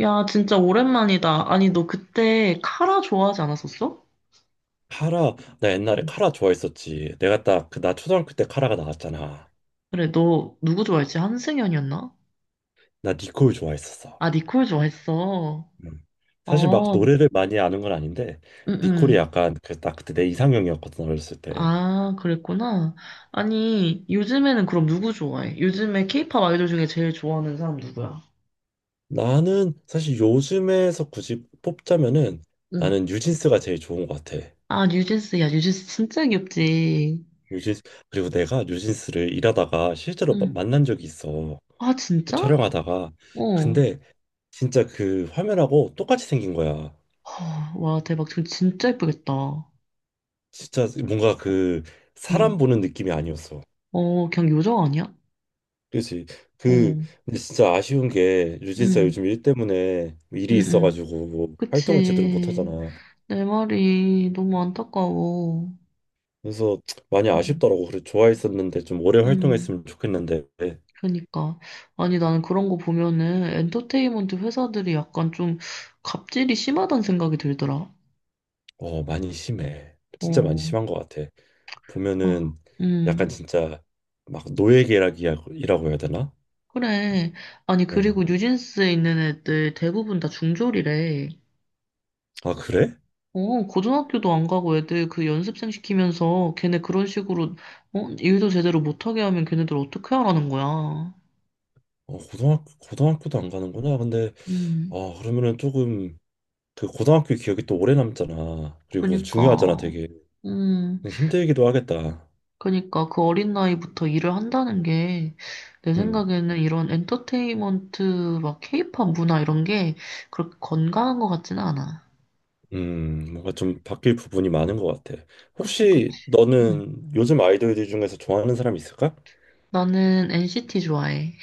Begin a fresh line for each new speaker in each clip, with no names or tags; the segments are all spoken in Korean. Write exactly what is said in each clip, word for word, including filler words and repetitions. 야, 진짜 오랜만이다. 아니, 너 그때 카라 좋아하지 않았었어?
카라. 나 옛날에
응.
카라 좋아했었지. 내가 딱 그 나 초등학교 때 카라가 나왔잖아.
그래, 너 누구 좋아했지? 한승연이었나?
나 니콜 좋아했었어.
아, 니콜 좋아했어.
음. 사실 막
어, 응,
노래를 많이 아는 건 아닌데, 니콜이
응.
약간 그 딱 그때 내 이상형이었거든, 어렸을 때.
아, 그랬구나. 아니, 요즘에는 그럼 누구 좋아해? 요즘에 케이팝 아이돌 중에 제일 좋아하는 사람 누구야?
나는 사실 요즘에서 굳이 뽑자면은,
응.
나는 뉴진스가 제일 좋은 것 같아.
아, 뉴진스. 야, 뉴진스 진짜 귀엽지.
뉴진스. 그리고 내가 뉴진스를 일하다가 실제로 마-
응.
만난 적이 있어.
아,
그
진짜?
촬영하다가.
어.
근데 진짜 그 화면하고 똑같이 생긴 거야.
허, 와, 대박. 지금 진짜 예쁘겠다.
진짜 뭔가 그
응.
사람 보는 느낌이 아니었어.
어, 그냥 요정 아니야?
그렇지.
어.
그 근데 진짜 아쉬운 게 유진스가
응,
요즘 일 때문에 일이
응, 응.
있어가지고 뭐 활동을 제대로 못
그치.
하잖아.
내 말이 너무 안타까워.
그래서 많이
음,
아쉽더라고. 그래 좋아했었는데 좀 오래
음,
활동했으면 좋겠는데.
그러니까. 아니, 나는 그런 거 보면은 엔터테인먼트 회사들이 약간 좀 갑질이 심하다는 생각이 들더라.
어, 많이 심해. 진짜 많이
어,
심한 것 같아.
아,
보면은 약간
음,
진짜 막 노예계약이라고 해야 되나?
그래. 아니,
응.
그리고 뉴진스에 있는 애들 대부분 다 중졸이래.
아, 그래?
어, 고등학교도 안 가고 애들 그 연습생 시키면서 걔네 그런 식으로, 어, 일도 제대로 못하게 하면 걔네들 어떻게 하라는 거야.
어, 고등학교 고등학교도 안 가는구나. 근데,
음.
아, 그러면은 조금, 그 고등학교 기억이 또 오래 남잖아. 그리고 중요하잖아,
그니까,
되게.
음,
힘들기도 하겠다.
그니까 그 어린 나이부터 일을 한다는 게 내
음,
생각에는 이런 엔터테인먼트 막 케이팝 문화 이런 게 그렇게 건강한 것 같지는 않아.
음, 뭔가 좀 바뀔 부분이 많은 것 같아.
그치, 그치.
혹시
응.
너는 요즘 아이돌들 중에서 좋아하는 사람 있을까?
나는 엔시티 좋아해.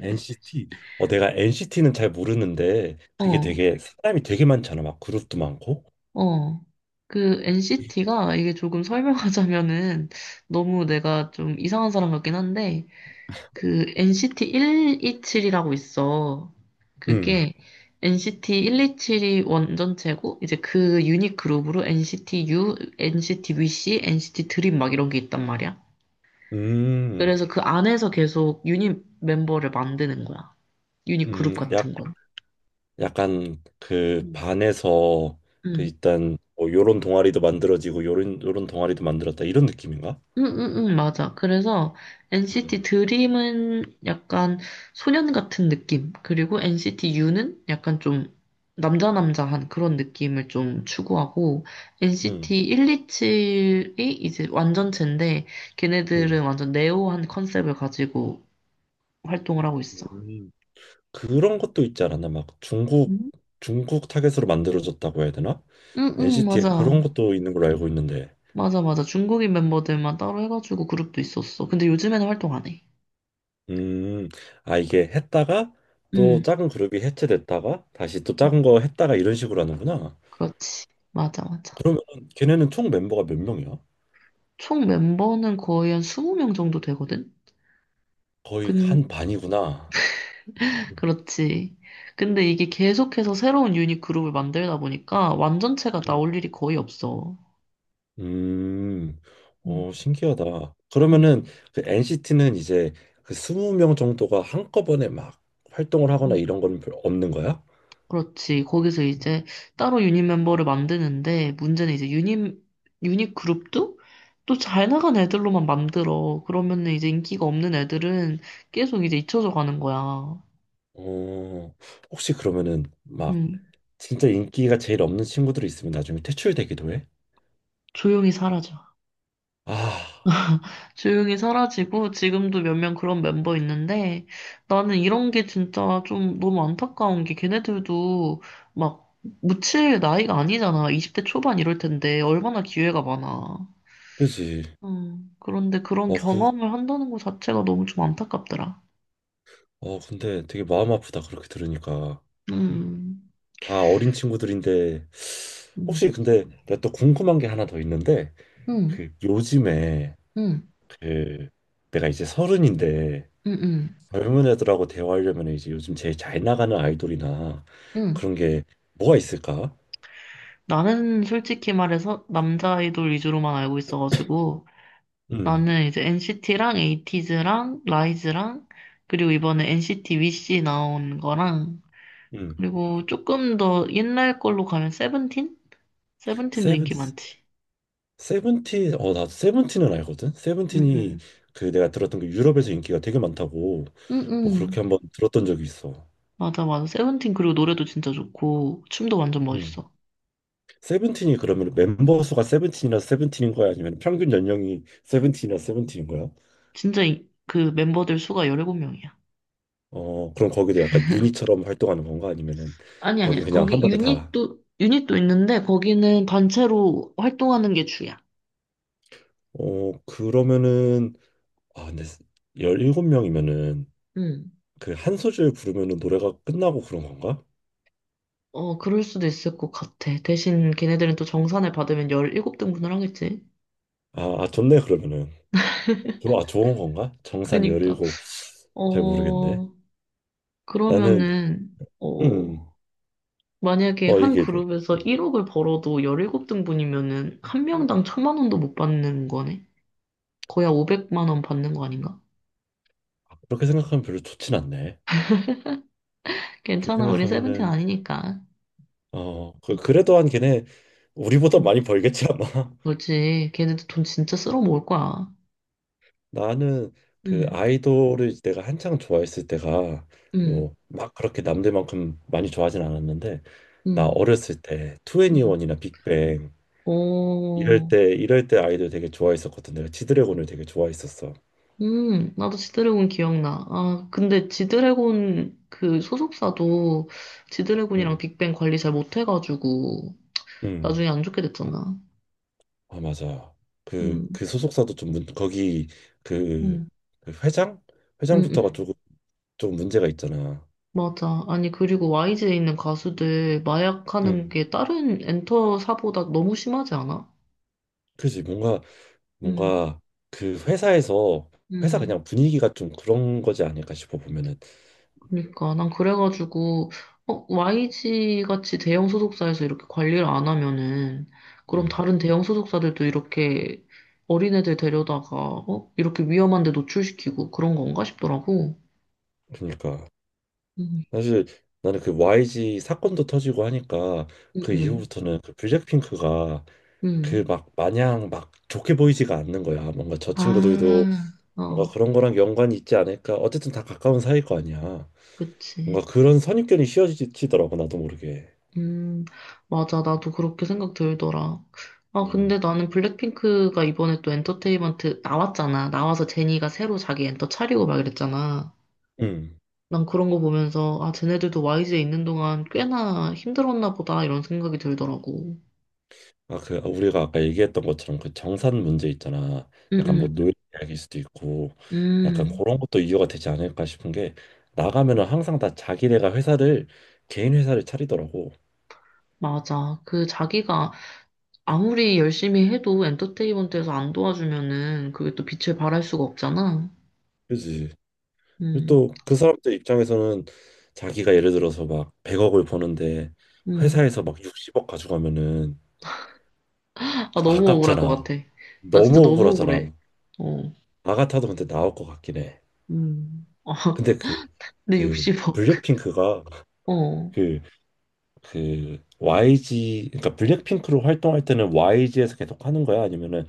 엔씨티. 어, 내가 엔씨티는 잘 모르는데 그게
어,
되게 사람이 되게 많잖아. 막 그룹도 많고.
어. 그 엔시티가 이게 조금 설명하자면은 너무 내가 좀 이상한 사람 같긴 한데 그 엔시티 일이칠이라고 있어.
음,
그게 엔시티 일이칠이 원전체고 이제 그 유닛 그룹으로 NCT U, NCT VC, NCT 드림 막 이런 게 있단 말이야.
음,
그래서 그 안에서 계속 유닛 멤버를 만드는 거야. 유닛
음,
그룹
약
같은 거.
약간 그 반에서, 그
응.
일단 뭐 요런 동아리도 만들어지고 요런 요런 동아리도 만들었다, 이런 느낌인가?
응응응 맞아. 그래서
음.
엔시티 드림은 약간 소년 같은 느낌. 그리고 엔시티 U는 약간 좀 남자 남자한 그런 느낌을 좀 추구하고
음.
엔시티 일이칠이 이제 완전체인데 걔네들은
음.
완전 네오한 컨셉을 가지고 활동을 하고 있어.
음. 그런 것도 있지 않았나? 막 중국
응?
중국 타겟으로 만들어졌다고 해야 되나?
응응
엔씨티에 그런
맞아.
것도 있는 걸로 알고 있는데.
맞아 맞아. 중국인 멤버들만 따로 해가지고 그룹도 있었어. 근데 요즘에는 활동 안 해.
음. 아, 이게 했다가 또
응.
작은 그룹이 해체됐다가 다시 또
응,
작은 거 했다가 이런 식으로 하는구나.
그렇지. 맞아 맞아.
그러면 걔네는 총 멤버가 몇 명이야?
총 멤버는 거의 한 이십 명 정도 되거든?
거의 한
근,
반이구나.
그렇지. 근데 이게 계속해서 새로운 유닛 그룹을 만들다 보니까 완전체가
음.
나올 일이 거의 없어.
음.
음,
어, 신기하다.
음,
그러면은 그 엔씨티는 이제 그 스무 명 정도가 한꺼번에 막 활동을 하거나
음.
이런 건 별- 없는 거야?
그렇지. 거기서 이제 따로 유닛 멤버를 만드는데 문제는 이제 유닛, 유닛 그룹도 또 잘 나간 애들로만 만들어. 그러면은 이제 인기가 없는 애들은 계속 이제 잊혀져 가는 거야.
어, 혹시 그러면은 막
음,
진짜 인기가 제일 없는 친구들이 있으면 나중에 퇴출되기도 해?
조용히 사라져.
아,
조용히 사라지고 지금도 몇 명 그런 멤버 있는데 나는 이런 게 진짜 좀 너무 안타까운 게 걔네들도 막 묻힐 나이가 아니잖아. 이십 대 초반 이럴 텐데 얼마나 기회가 많아.
그지.
음, 그런데 그런
어, 그,
경험을 한다는 것 자체가 너무 좀 안타깝더라.
어, 근데 되게 마음 아프다. 그렇게 들으니까.
음,
다 어린 친구들인데,
음,
혹시 근데 내가 또 궁금한 게 하나 더 있는데,
음,
그 요즘에,
음,
그 내가 이제 서른인데,
음, 음.
젊은 애들하고 대화하려면 이제 요즘 제일 잘 나가는 아이돌이나
음.
그런 게 뭐가 있을까?
나는 솔직히 말해서 남자 아이돌 위주로만 알고 있어가지고
음,
나는 이제 엔시티랑 에이티즈랑 라이즈랑 그리고 이번에 엔시티 위시 나온 거랑
음.
그리고 조금 더 옛날 걸로 가면 세븐틴? 세븐틴도
세븐,
인기 많지.
세븐틴, 어, 나 세븐틴은 알거든? 세븐틴이,
응응.
그 내가 들었던 게 유럽에서 인기가 되게 많다고, 뭐
응응.
그렇게 한번 들었던 적이 있어.
맞아 맞아. 세븐틴 그리고 노래도 진짜 좋고 춤도 완전
음.
멋있어.
세븐틴이 그러면 멤버 수가 세븐틴이나 세븐틴인 거야? 아니면 평균 연령이 세븐틴이나 세븐틴인 거야?
진짜 이- 그 멤버들 수가 십칠 명이야.
어, 그럼 거기도 약간 유닛처럼 활동하는 건가? 아니면은
아니
거기
아니.
그냥
거기
한 번에 다.
유닛도 유닛도 있는데 거기는 단체로 활동하는 게 주야.
어, 그러면은, 아, 근데 열일곱 명이면은
응.
그 한 소절 부르면은 노래가 끝나고 그런 건가?
어, 그럴 수도 있을 것 같아. 대신 걔네들은 또 정산을 받으면 십칠 등분을 하겠지.
아, 아 좋네, 그러면은. 좋아, 좋은 건가? 정산
그러니까.
열일곱, 잘 모르겠네.
어,
나는,
그러면은, 어,
음,
만약에
어
한
얘기해줘.
그룹에서 일억을 벌어도 십칠 등분이면은 한 명당 천만 원도 못 받는 거네? 거의 한 오백만 원 받는 거 아닌가?
아, 그렇게 생각하면 별로 좋진 않네. 그렇게
괜찮아, 우리 세븐틴
생각하면은,
아니니까.
어, 그, 그래도 한 걔네 우리보다
음.
많이 벌겠지 아마.
그렇지. 걔네들 돈 진짜 쓸어 모을 거야.
나는 그
응,
아이돌을 내가 한창 좋아했을 때가,
응,
뭐 막 그렇게 남들만큼 많이 좋아하진 않았는데, 나
응,
어렸을 때
응.
투애니원이나 빅뱅 이럴
어,
때 이럴 때 아이돌 되게 좋아했었거든. 내가 지드래곤을 되게 좋아했었어.
음, 나도 지드래곤 기억나. 아, 근데 지드래곤 그 소속사도 지드래곤이랑
음,
빅뱅 관리 잘 못해가지고
음.
나중에 안 좋게 됐잖아.
아 맞아, 그
음,
그 소속사도 좀 문, 거기, 그,
음,
그 회장,
음,
회장부터가
음.
조금 좀 문제가 있잖아.
맞아. 아니, 그리고 와이지에 있는 가수들
응,
마약하는 게 다른 엔터사보다 너무 심하지 않아?
그지. 뭔가
음,
뭔가 그 회사에서, 회사
음.
그냥 분위기가 좀 그런 거지 않을까 싶어, 보면은.
그러니까 난 그래가지고 어, 와이지 같이 대형 소속사에서 이렇게 관리를 안 하면은 그럼
응,
다른 대형 소속사들도 이렇게 어린애들 데려다가 어? 이렇게 위험한 데 노출시키고 그런 건가 싶더라고.
그러니까
음,
사실 나는 그 와이지 사건도 터지고 하니까
음,
그
음.
이후부터는 그 블랙핑크가 그
음.
막 마냥 막 좋게 보이지가 않는 거야. 뭔가 저 친구들도
아,
뭔가
어,
그런 거랑 연관이 있지 않을까. 어쨌든 다 가까운 사이일 거 아니야. 뭔가
그치.
그런 선입견이 씌워지더라고, 나도 모르게.
음, 맞아. 나도 그렇게 생각 들더라. 아, 근데
음.
나는 블랙핑크가 이번에 또 엔터테인먼트 나왔잖아. 나와서 제니가 새로 자기 엔터 차리고 막 이랬잖아.
음.
난 그런 거 보면서, 아, 쟤네들도 와이지에 있는 동안 꽤나 힘들었나 보다, 이런 생각이 들더라고.
아, 그 아, 우리가 아까 얘기했던 것처럼 그 정산 문제 있잖아.
응,
약간 뭐
응,
노예 이야기일 수도 있고, 약간
음,
그런 것도 이유가 되지 않을까 싶은 게, 나가면은 항상 다 자기네가 회사를, 개인 회사를 차리더라고.
맞아. 그 자기가 아무리 열심히 해도 엔터테인먼트에서 안 도와주면은 그게 또 빛을 발할 수가 없잖아.
그지. 그리고
음,
또 그 사람들 입장에서는 자기가 예를 들어서 막 백억을 버는데
음.
회사에서 막 육십억 가져가면은
아, 너무 억울할 것
아깝잖아.
같아. 나 진짜
너무
너무 억울해.
억울하잖아.
어,
나 같아도 근데 나올 것 같긴 해.
음. 아,
근데 그
내
그
육십억.
블랙핑크가,
어,
그 그 와이지, 그러니까 블랙핑크로 활동할 때는 와이지에서 계속 하는 거야? 아니면은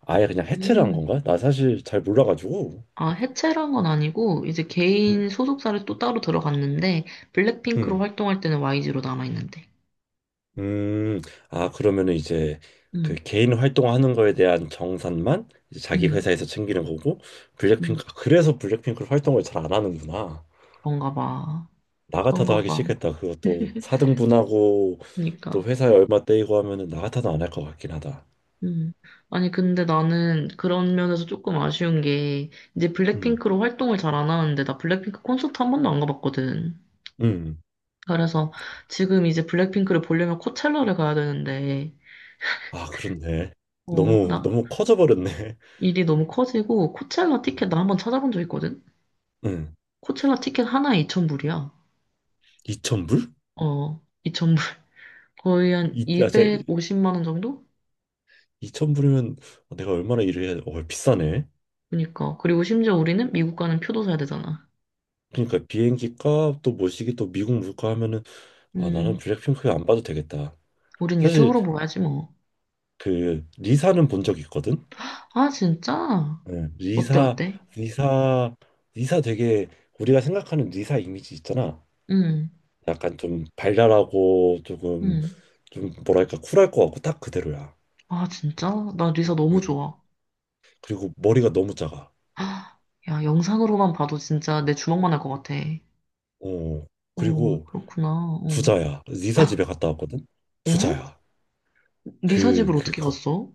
아예 그냥 해체를 한
음.
건가? 나 사실 잘 몰라가지고.
아, 해체란 건 아니고, 이제
음.
개인 소속사를 또 따로 들어갔는데, 블랙핑크로
음.
활동할 때는 와이지로 남아있는데.
음. 아, 그러면은 이제 그
응
개인 활동하는 거에 대한 정산만 이제 자기
응
회사에서 챙기는 거고,
응
블랙핑크, 아, 그래서 블랙핑크로 활동을 잘 안 하는구나.
그런가 봐.
나 같아도
그런가
하기
봐.
싫겠다. 그것도 사등분하고 또
그러니까.
회사에 얼마 떼이고 하면은 나 같아도 안 할 것 같긴 하다.
음. 아니, 근데 나는 그런 면에서 조금 아쉬운 게, 이제
음.
블랙핑크로 활동을 잘 안 하는데, 나 블랙핑크 콘서트 한 번도 안 가봤거든.
음.
그래서 지금 이제 블랙핑크를 보려면 코첼라를 가야 되는데,
아, 그렇네.
어,
너무
나
너무 커져 버렸네.
일이 너무 커지고, 코첼라 티켓 나 한번 찾아본 적 있거든?
응.
코첼라 티켓 하나에 이천 불이야.
이천 불.
어, 이천 불 거의 한
이, 아, 제
이백오십만 원 정도?
이천 불이면 내가 얼마나 일을 해야 돼? 어, 비싸네.
그니까. 그리고 심지어 우리는 미국 가는 표도 사야 되잖아.
그러니까 비행기 값, 또 모시기, 또 미국 물가 하면은, 아, 나는
음,
블랙핑크 안 봐도 되겠다.
우린
사실
유튜브로 봐야지 뭐.
그 리사는 본 적 있거든.
아, 진짜?
네.
어때,
리사.
어때?
리사 리사 되게, 우리가 생각하는 리사 이미지 있잖아.
음,
약간 좀 발랄하고, 조금
음.
좀 뭐랄까 쿨할 것 같고, 딱 그대로야.
아, 진짜? 나 리사 너무
응.
좋아.
그리고 머리가 너무 작아.
아, 야, 영상으로만 봐도 진짜 내 주먹만 할 것 같아.
어,
어,
그리고
그렇구나. 어.
부자야. 리사 집에
아,
갔다 왔거든?
어?
부자야.
리사
그,
집을
그,
어떻게
거,
갔어?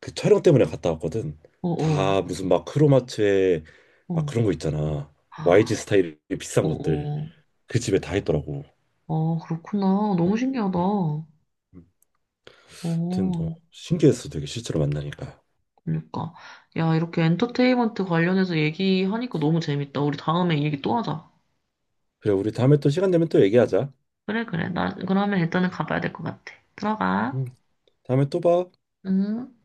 그 촬영 때문에 갔다 왔거든.
어, 어,
다 무슨 막 크로마트에 막
어.
그런 거 있잖아. 와이지
아,
스타일의
어,
비싼 것들.
어.
그 집에 다 있더라고.
아, 그렇구나. 너무
음,
신기하다.
응,
어.
응. 아무튼, 어, 신기했어. 되게 실제로 만나니까.
그러니까. 야, 이렇게 엔터테인먼트 관련해서 얘기하니까 너무 재밌다. 우리 다음에 얘기 또 하자.
그래, 우리 다음에 또 시간 되면 또 얘기하자.
그래, 그래. 나, 그러면 일단은 가봐야 될 것 같아. 들어가.
응, 다음에 또 봐.
응.